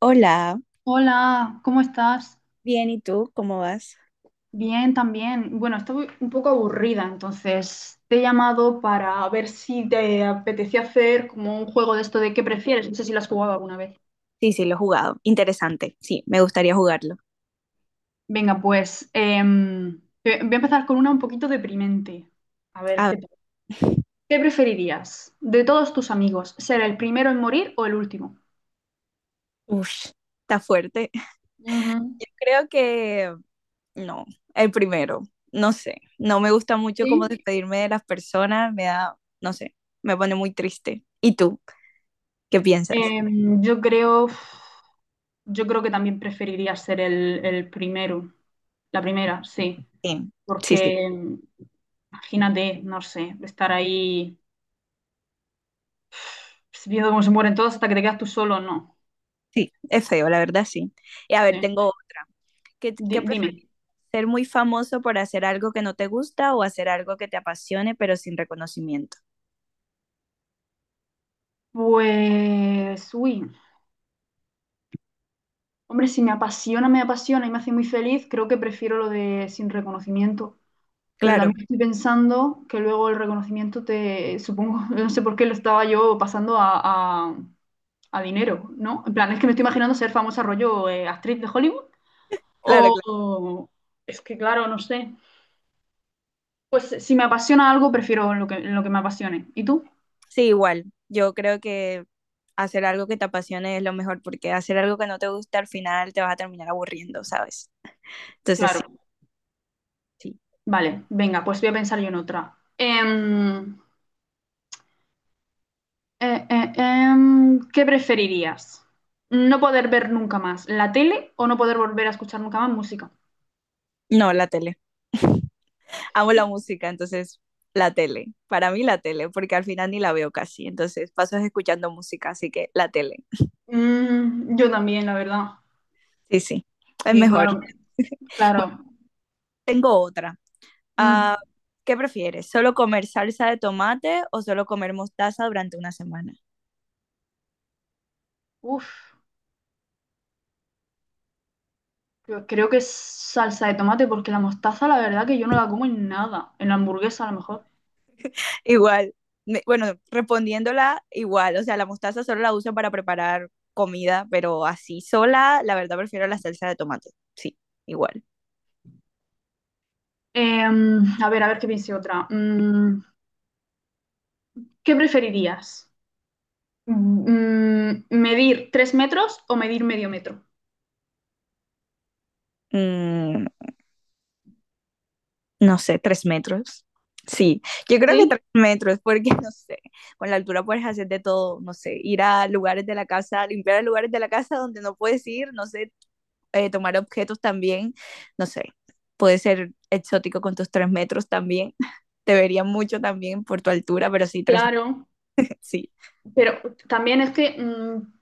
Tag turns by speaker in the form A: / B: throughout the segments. A: Hola,
B: Hola, ¿cómo estás?
A: bien, ¿y tú? ¿Cómo vas?
B: Bien, también. Bueno, estoy un poco aburrida, entonces te he llamado para ver si te apetecía hacer como un juego de esto de qué prefieres. No sé si lo has jugado alguna vez.
A: Sí, sí, lo he jugado. Interesante. Sí, me gustaría jugarlo.
B: Venga, pues voy a empezar con una un poquito deprimente. A
A: A
B: ver,
A: ver.
B: ¿qué tal? ¿Qué preferirías de todos tus amigos? ¿Ser el primero en morir o el último?
A: Uf, está fuerte.
B: Ujú.
A: Yo creo que no, el primero. No sé, no me gusta mucho como
B: ¿Sí?
A: despedirme de las personas, me da, no sé, me pone muy triste. ¿Y tú? ¿Qué piensas?
B: Em, yo creo, yo creo que también preferiría ser el primero, la primera, sí,
A: Sí, sí, sí,
B: porque imagínate, no sé, estar ahí viendo cómo se mueren todos hasta que te quedas tú solo, no.
A: sí, es feo, la verdad, sí. Y a ver,
B: Sí.
A: tengo otra. ¿Qué
B: Dime.
A: prefieres? ¿Ser muy famoso por hacer algo que no te gusta o hacer algo que te apasione pero sin reconocimiento?
B: Pues, uy, hombre, si me apasiona, me apasiona y me hace muy feliz, creo que prefiero lo de sin reconocimiento. Pero
A: Claro,
B: también estoy pensando que luego el reconocimiento te, supongo, no sé por qué lo estaba yo pasando a- a dinero, ¿no? En plan, es que me estoy imaginando ser famosa rollo actriz de Hollywood
A: claro.
B: o. Es que, claro, no sé. Pues si me apasiona algo, prefiero lo que me apasione. ¿Y tú?
A: Sí, igual. Yo creo que hacer algo que te apasione es lo mejor, porque hacer algo que no te gusta al final te vas a terminar aburriendo, ¿sabes? Entonces sí,
B: Claro.
A: sí.
B: Vale, venga, pues voy a pensar yo en otra. ¿Qué preferirías? ¿No poder ver nunca más la tele o no poder volver a escuchar nunca más música?
A: No, la tele. Amo la música, entonces la tele. Para mí la tele, porque al final ni la veo casi. Entonces paso escuchando música, así que la tele.
B: Yo también, la verdad.
A: Sí, sí. Es
B: Sí,
A: mejor.
B: claro, claro.
A: Tengo otra.
B: Mm,
A: Ah, ¿qué prefieres? ¿Solo comer salsa de tomate o solo comer mostaza durante una semana?
B: uf. Creo que es salsa de tomate, porque la mostaza, la verdad, que yo no la como en nada. En la hamburguesa, a lo mejor.
A: Igual, bueno, respondiéndola igual, o sea, la mostaza solo la uso para preparar comida, pero así sola, la verdad prefiero la salsa de tomate. Sí, igual.
B: A ver qué piense otra. ¿Qué preferirías? ¿Medir 3 metros o medir medio metro?
A: Mm, no sé, 3 metros. Sí, yo creo que
B: Sí,
A: 3 metros, porque no sé, con la altura puedes hacer de todo, no sé, ir a lugares de la casa, limpiar lugares de la casa donde no puedes ir, no sé, tomar objetos también, no sé, puede ser exótico con tus 3 metros también. Te vería mucho también por tu altura, pero sí, tres,
B: claro.
A: sí.
B: Pero también es que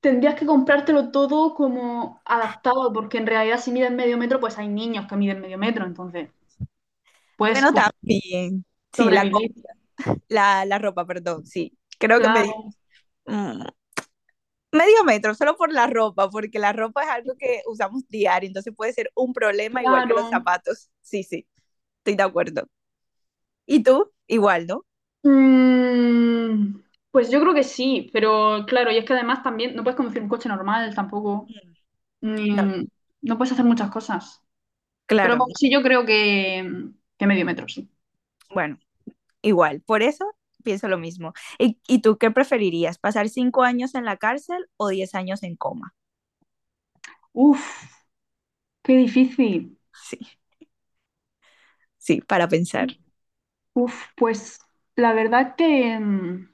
B: tendrías que comprártelo todo como adaptado, porque en realidad, si mides medio metro, pues hay niños que miden medio metro, entonces puedes
A: Bueno,
B: como
A: también. Sí, la, co-
B: sobrevivir.
A: la, la ropa, perdón, sí. Creo que
B: Claro,
A: mm, medio metro, solo por la ropa, porque la ropa es algo que usamos diario, entonces puede ser un problema igual que los
B: claro.
A: zapatos. Sí, sí, estoy de acuerdo. ¿Y tú? Igual, ¿no?
B: Mm, pues yo creo que sí, pero claro, y es que además también no puedes conducir un coche normal tampoco,
A: Mm, no,
B: ni- no puedes hacer muchas cosas. Pero
A: claro, no,
B: bueno, sí, yo creo que medio metro, sí.
A: bueno, igual. Por eso pienso lo mismo. ¿Y tú qué preferirías? ¿Pasar 5 años en la cárcel o 10 años en coma?
B: Uf, qué difícil.
A: Sí. Sí, para pensar.
B: Uf, pues la verdad que, mm,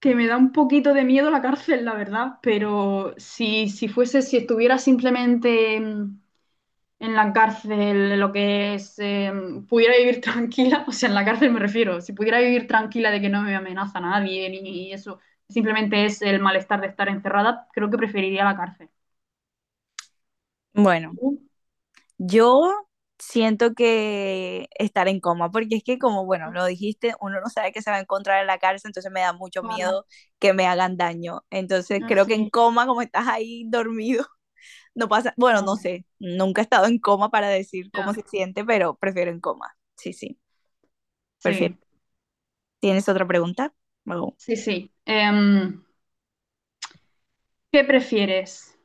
B: que me da un poquito de miedo la cárcel, la verdad, pero si, fuese, si estuviera simplemente. En la cárcel lo que es, pudiera vivir tranquila, o sea, en la cárcel me refiero, si pudiera vivir tranquila de que no me amenaza nadie ni eso, simplemente es el malestar de estar encerrada, creo que preferiría la cárcel.
A: Bueno,
B: Uh,
A: yo siento que estar en coma, porque es que como, bueno, lo dijiste, uno no sabe qué se va a encontrar en la cárcel, entonces me da mucho
B: Claro,
A: miedo que me hagan daño. Entonces creo que en
B: así,
A: coma, como estás ahí dormido. No pasa, bueno, no
B: claro,
A: sé, nunca he estado en coma para decir cómo
B: ya,
A: se siente, pero prefiero en coma. Sí, sí, prefiero.
B: sí,
A: ¿Tienes otra pregunta? Oh.
B: sí, sí. ¿Qué prefieres?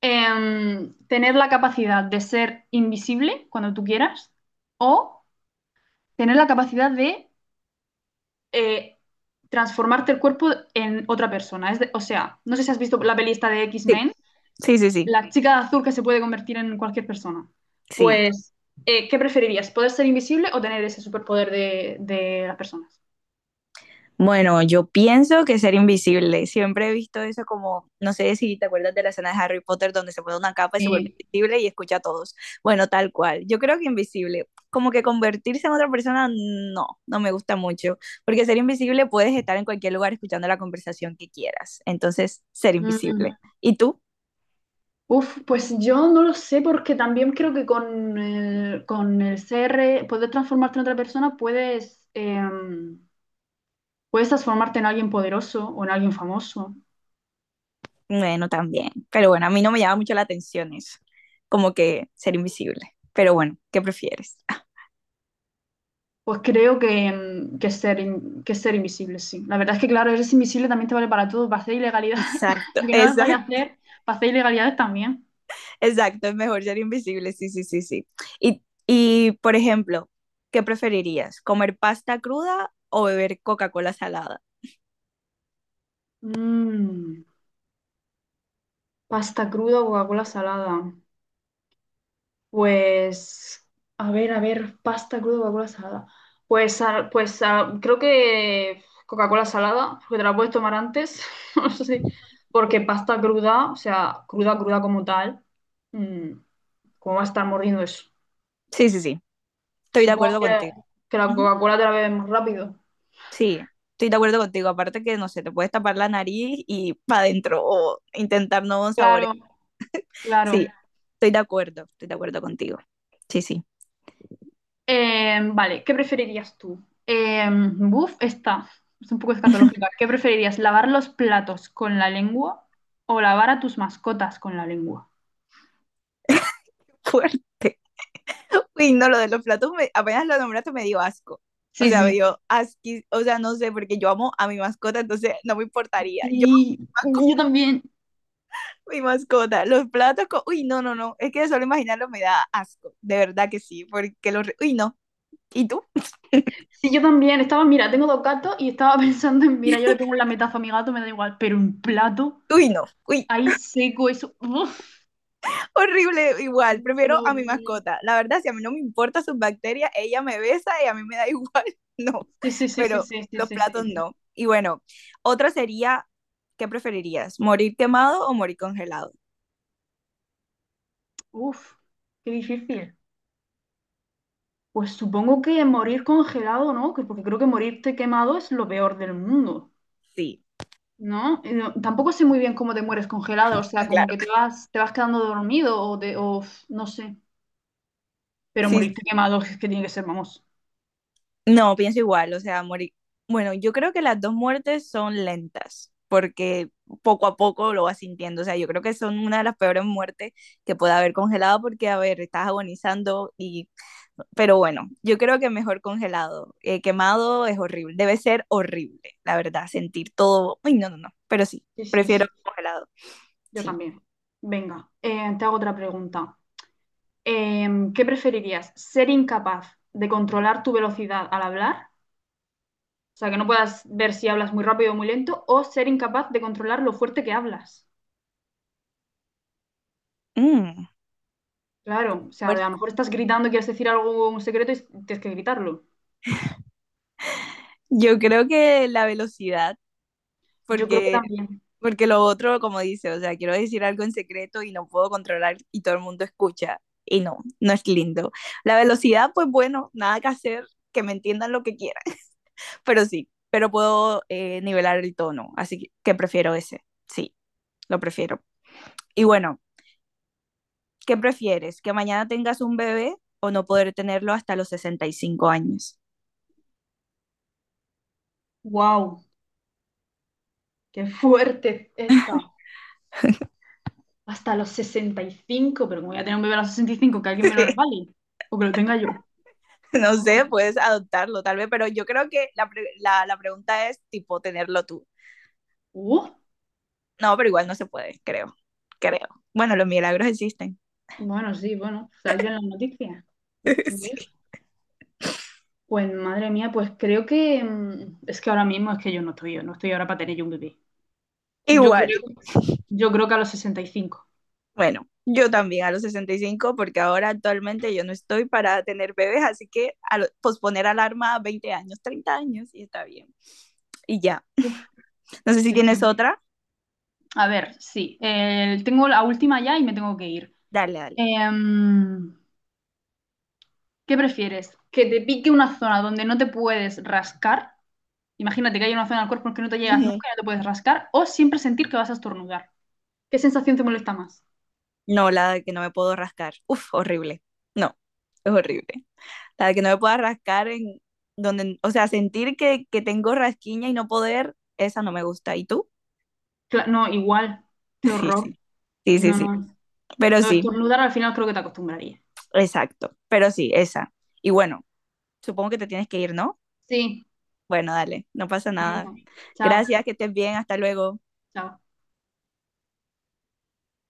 B: ¿Tener la capacidad de ser invisible cuando tú quieras o tener la capacidad de eh, transformarte el cuerpo en otra persona? O sea, no sé si has visto la peli esta de
A: Sí,
B: X-Men,
A: sí, sí, sí.
B: la chica de azul que se puede convertir en cualquier persona.
A: Sí,
B: Pues, ¿qué preferirías? ¿Poder ser invisible o tener ese superpoder de, las personas?
A: bueno, yo pienso que ser invisible. Siempre he visto eso como, no sé si te acuerdas de la escena de Harry Potter donde se pone una capa y se vuelve
B: Sí.
A: invisible y escucha a todos. Bueno, tal cual. Yo creo que invisible, como que convertirse en otra persona, no, no me gusta mucho, porque ser invisible puedes estar en cualquier lugar escuchando la conversación que quieras. Entonces, ser
B: Mm,
A: invisible. ¿Y tú?
B: uf, pues yo no lo sé porque también creo que con el CR, poder transformarte en otra persona, puedes transformarte en alguien poderoso o en alguien famoso.
A: Bueno, también. Pero bueno, a mí no me llama mucho la atención eso, como que ser invisible. Pero bueno, ¿qué prefieres?
B: Pues creo que ser, que ser invisible, sí. La verdad es que, claro, eres invisible también te vale para todo, para hacer ilegalidades,
A: Exacto,
B: y que no las vayas a
A: exacto,
B: hacer, para hacer ilegalidades también.
A: exacto. Es mejor ser invisible, sí, sí, sí, sí. Y, por ejemplo, ¿qué preferirías? ¿Comer pasta cruda o beber Coca-Cola salada?
B: Mm, pasta cruda o Coca-Cola salada. Pues, a ver, pasta cruda o Coca-Cola salada. Pues, creo que Coca-Cola salada, porque te la puedes tomar antes, no sé, porque pasta cruda, o sea, cruda, cruda como tal, mm, ¿cómo va a estar mordiendo eso?
A: Sí, sí, sí. Estoy de
B: Supongo
A: acuerdo
B: que,
A: contigo.
B: que la
A: Ujú.
B: Coca-Cola te la bebes más rápido.
A: Sí, estoy de acuerdo contigo. Aparte que, no sé, te puedes tapar la nariz y para adentro o intentar nuevos sabores.
B: Claro,
A: Sí,
B: claro.
A: estoy de acuerdo contigo. Sí, sí.
B: Vale, ¿qué preferirías tú? Buf, esta es un poco escatológica. ¿Qué preferirías, lavar los platos con la lengua o lavar a tus mascotas con la lengua?
A: Uy, no, lo de los platos, apenas lo nombraste me dio asco. O
B: Sí,
A: sea, me
B: sí.
A: dio asquis, o sea, no sé, porque yo amo a mi mascota, entonces no me importaría. Yo
B: Sí,
A: amo
B: yo también.
A: a mi mascota, los platos, uy, no, no, no, es que de solo imaginarlo me da asco, de verdad que sí, porque los, uy, no. ¿Y tú?
B: Sí, yo también. Estaba, mira, tengo dos gatos y estaba pensando en, mira, yo le pongo un lametazo a mi gato, me da igual, pero un plato
A: Uy, no, uy.
B: ahí seco, eso. Uf,
A: Horrible igual. Prefiero
B: no,
A: a mi
B: no, no.
A: mascota. La verdad, si a mí no me importa sus bacterias, ella me besa y a mí me da igual. No,
B: Sí, sí, sí, sí,
A: pero
B: sí, sí,
A: los
B: sí,
A: platos
B: sí.
A: no. Y bueno, otra sería, ¿qué preferirías? ¿Morir quemado o morir congelado?
B: Uf, qué difícil. Pues supongo que morir congelado, ¿no? Porque creo que morirte quemado es lo peor del mundo,
A: Sí,
B: ¿no? Tampoco sé muy bien cómo te mueres congelado, o sea, como
A: claro.
B: que te vas, quedando dormido o, te- o f- no sé. Pero
A: Sí,
B: morirte
A: sí.
B: quemado es que tiene que ser, vamos.
A: No, pienso igual, o sea, morir. Bueno, yo creo que las dos muertes son lentas, porque poco a poco lo vas sintiendo, o sea, yo creo que son una de las peores muertes que puede haber congelado, porque, a ver, estás agonizando y... Pero bueno, yo creo que mejor congelado. Quemado es horrible, debe ser horrible, la verdad, sentir todo. Uy, no, no, no, pero sí,
B: Sí, sí,
A: prefiero
B: sí.
A: congelado,
B: Yo
A: sí.
B: también. Venga, te hago otra pregunta. ¿Qué preferirías? ¿Ser incapaz de controlar tu velocidad al hablar? O sea, que no puedas ver si hablas muy rápido o muy lento, o ser incapaz de controlar lo fuerte que hablas.
A: Mm,
B: Claro, o sea, de a
A: fuerte.
B: lo mejor estás gritando, quieres decir algo, un secreto y tienes que gritarlo.
A: Yo creo que la velocidad,
B: Yo creo que
A: porque
B: también.
A: Porque lo otro, como dice, o sea, quiero decir algo en secreto y no puedo controlar y todo el mundo escucha. Y no, no es lindo. La velocidad, pues bueno, nada que hacer, que me entiendan lo que quieran, pero sí, pero puedo nivelar el tono, así que prefiero ese, sí, lo prefiero. Y bueno, ¿qué prefieres? ¿Que mañana tengas un bebé o no poder tenerlo hasta los 65 años?
B: ¡Wow! ¡Qué fuerte está! Hasta los 65, pero como voy a tener un bebé a los 65, que alguien me lo regale o que lo tenga yo.
A: No
B: Oh,
A: sé, puedes adoptarlo tal vez, pero yo creo que la pregunta es tipo tenerlo tú.
B: uh,
A: No, pero igual no se puede, creo. Creo. Bueno, los milagros existen.
B: bueno, sí, bueno, salió en las noticias. Uf,
A: Sí.
B: pues madre mía, pues creo que es que ahora mismo es que yo no estoy ahora para tener yo un bebé. Yo
A: Igual.
B: creo, yo creo que a los 65.
A: Bueno, yo también a los 65 porque ahora actualmente yo no estoy para tener bebés, así que posponer alarma a 20 años, 30 años, y está bien. Y ya.
B: Uf,
A: No sé si
B: sí,
A: tienes
B: sí.
A: otra.
B: A ver, sí. Tengo la última ya y me tengo que ir.
A: Dale, dale.
B: Em, ¿Qué prefieres? ¿Que te pique una zona donde no te puedes rascar? Imagínate que hay una zona del cuerpo en que no te llegas
A: Ujú.
B: nunca y no te puedes rascar. ¿O siempre sentir que vas a estornudar? ¿Qué sensación te molesta más?
A: No, la de que no me puedo rascar. Uf, horrible. No, es horrible. La de que no me pueda rascar en donde, o sea, sentir que tengo rasquiña y no poder, esa no me gusta. ¿Y tú?
B: No, igual. Qué
A: Sí,
B: horror.
A: sí. Sí, sí,
B: No,
A: sí.
B: no.
A: Pero
B: No,
A: sí,
B: estornudar al final creo que te acostumbraría.
A: exacto. Pero sí, esa. Y bueno, supongo que te tienes que ir, ¿no?
B: Sí.
A: Bueno, dale, no pasa nada.
B: Venga. Chao.
A: Gracias, que estés bien, hasta luego.
B: Chao.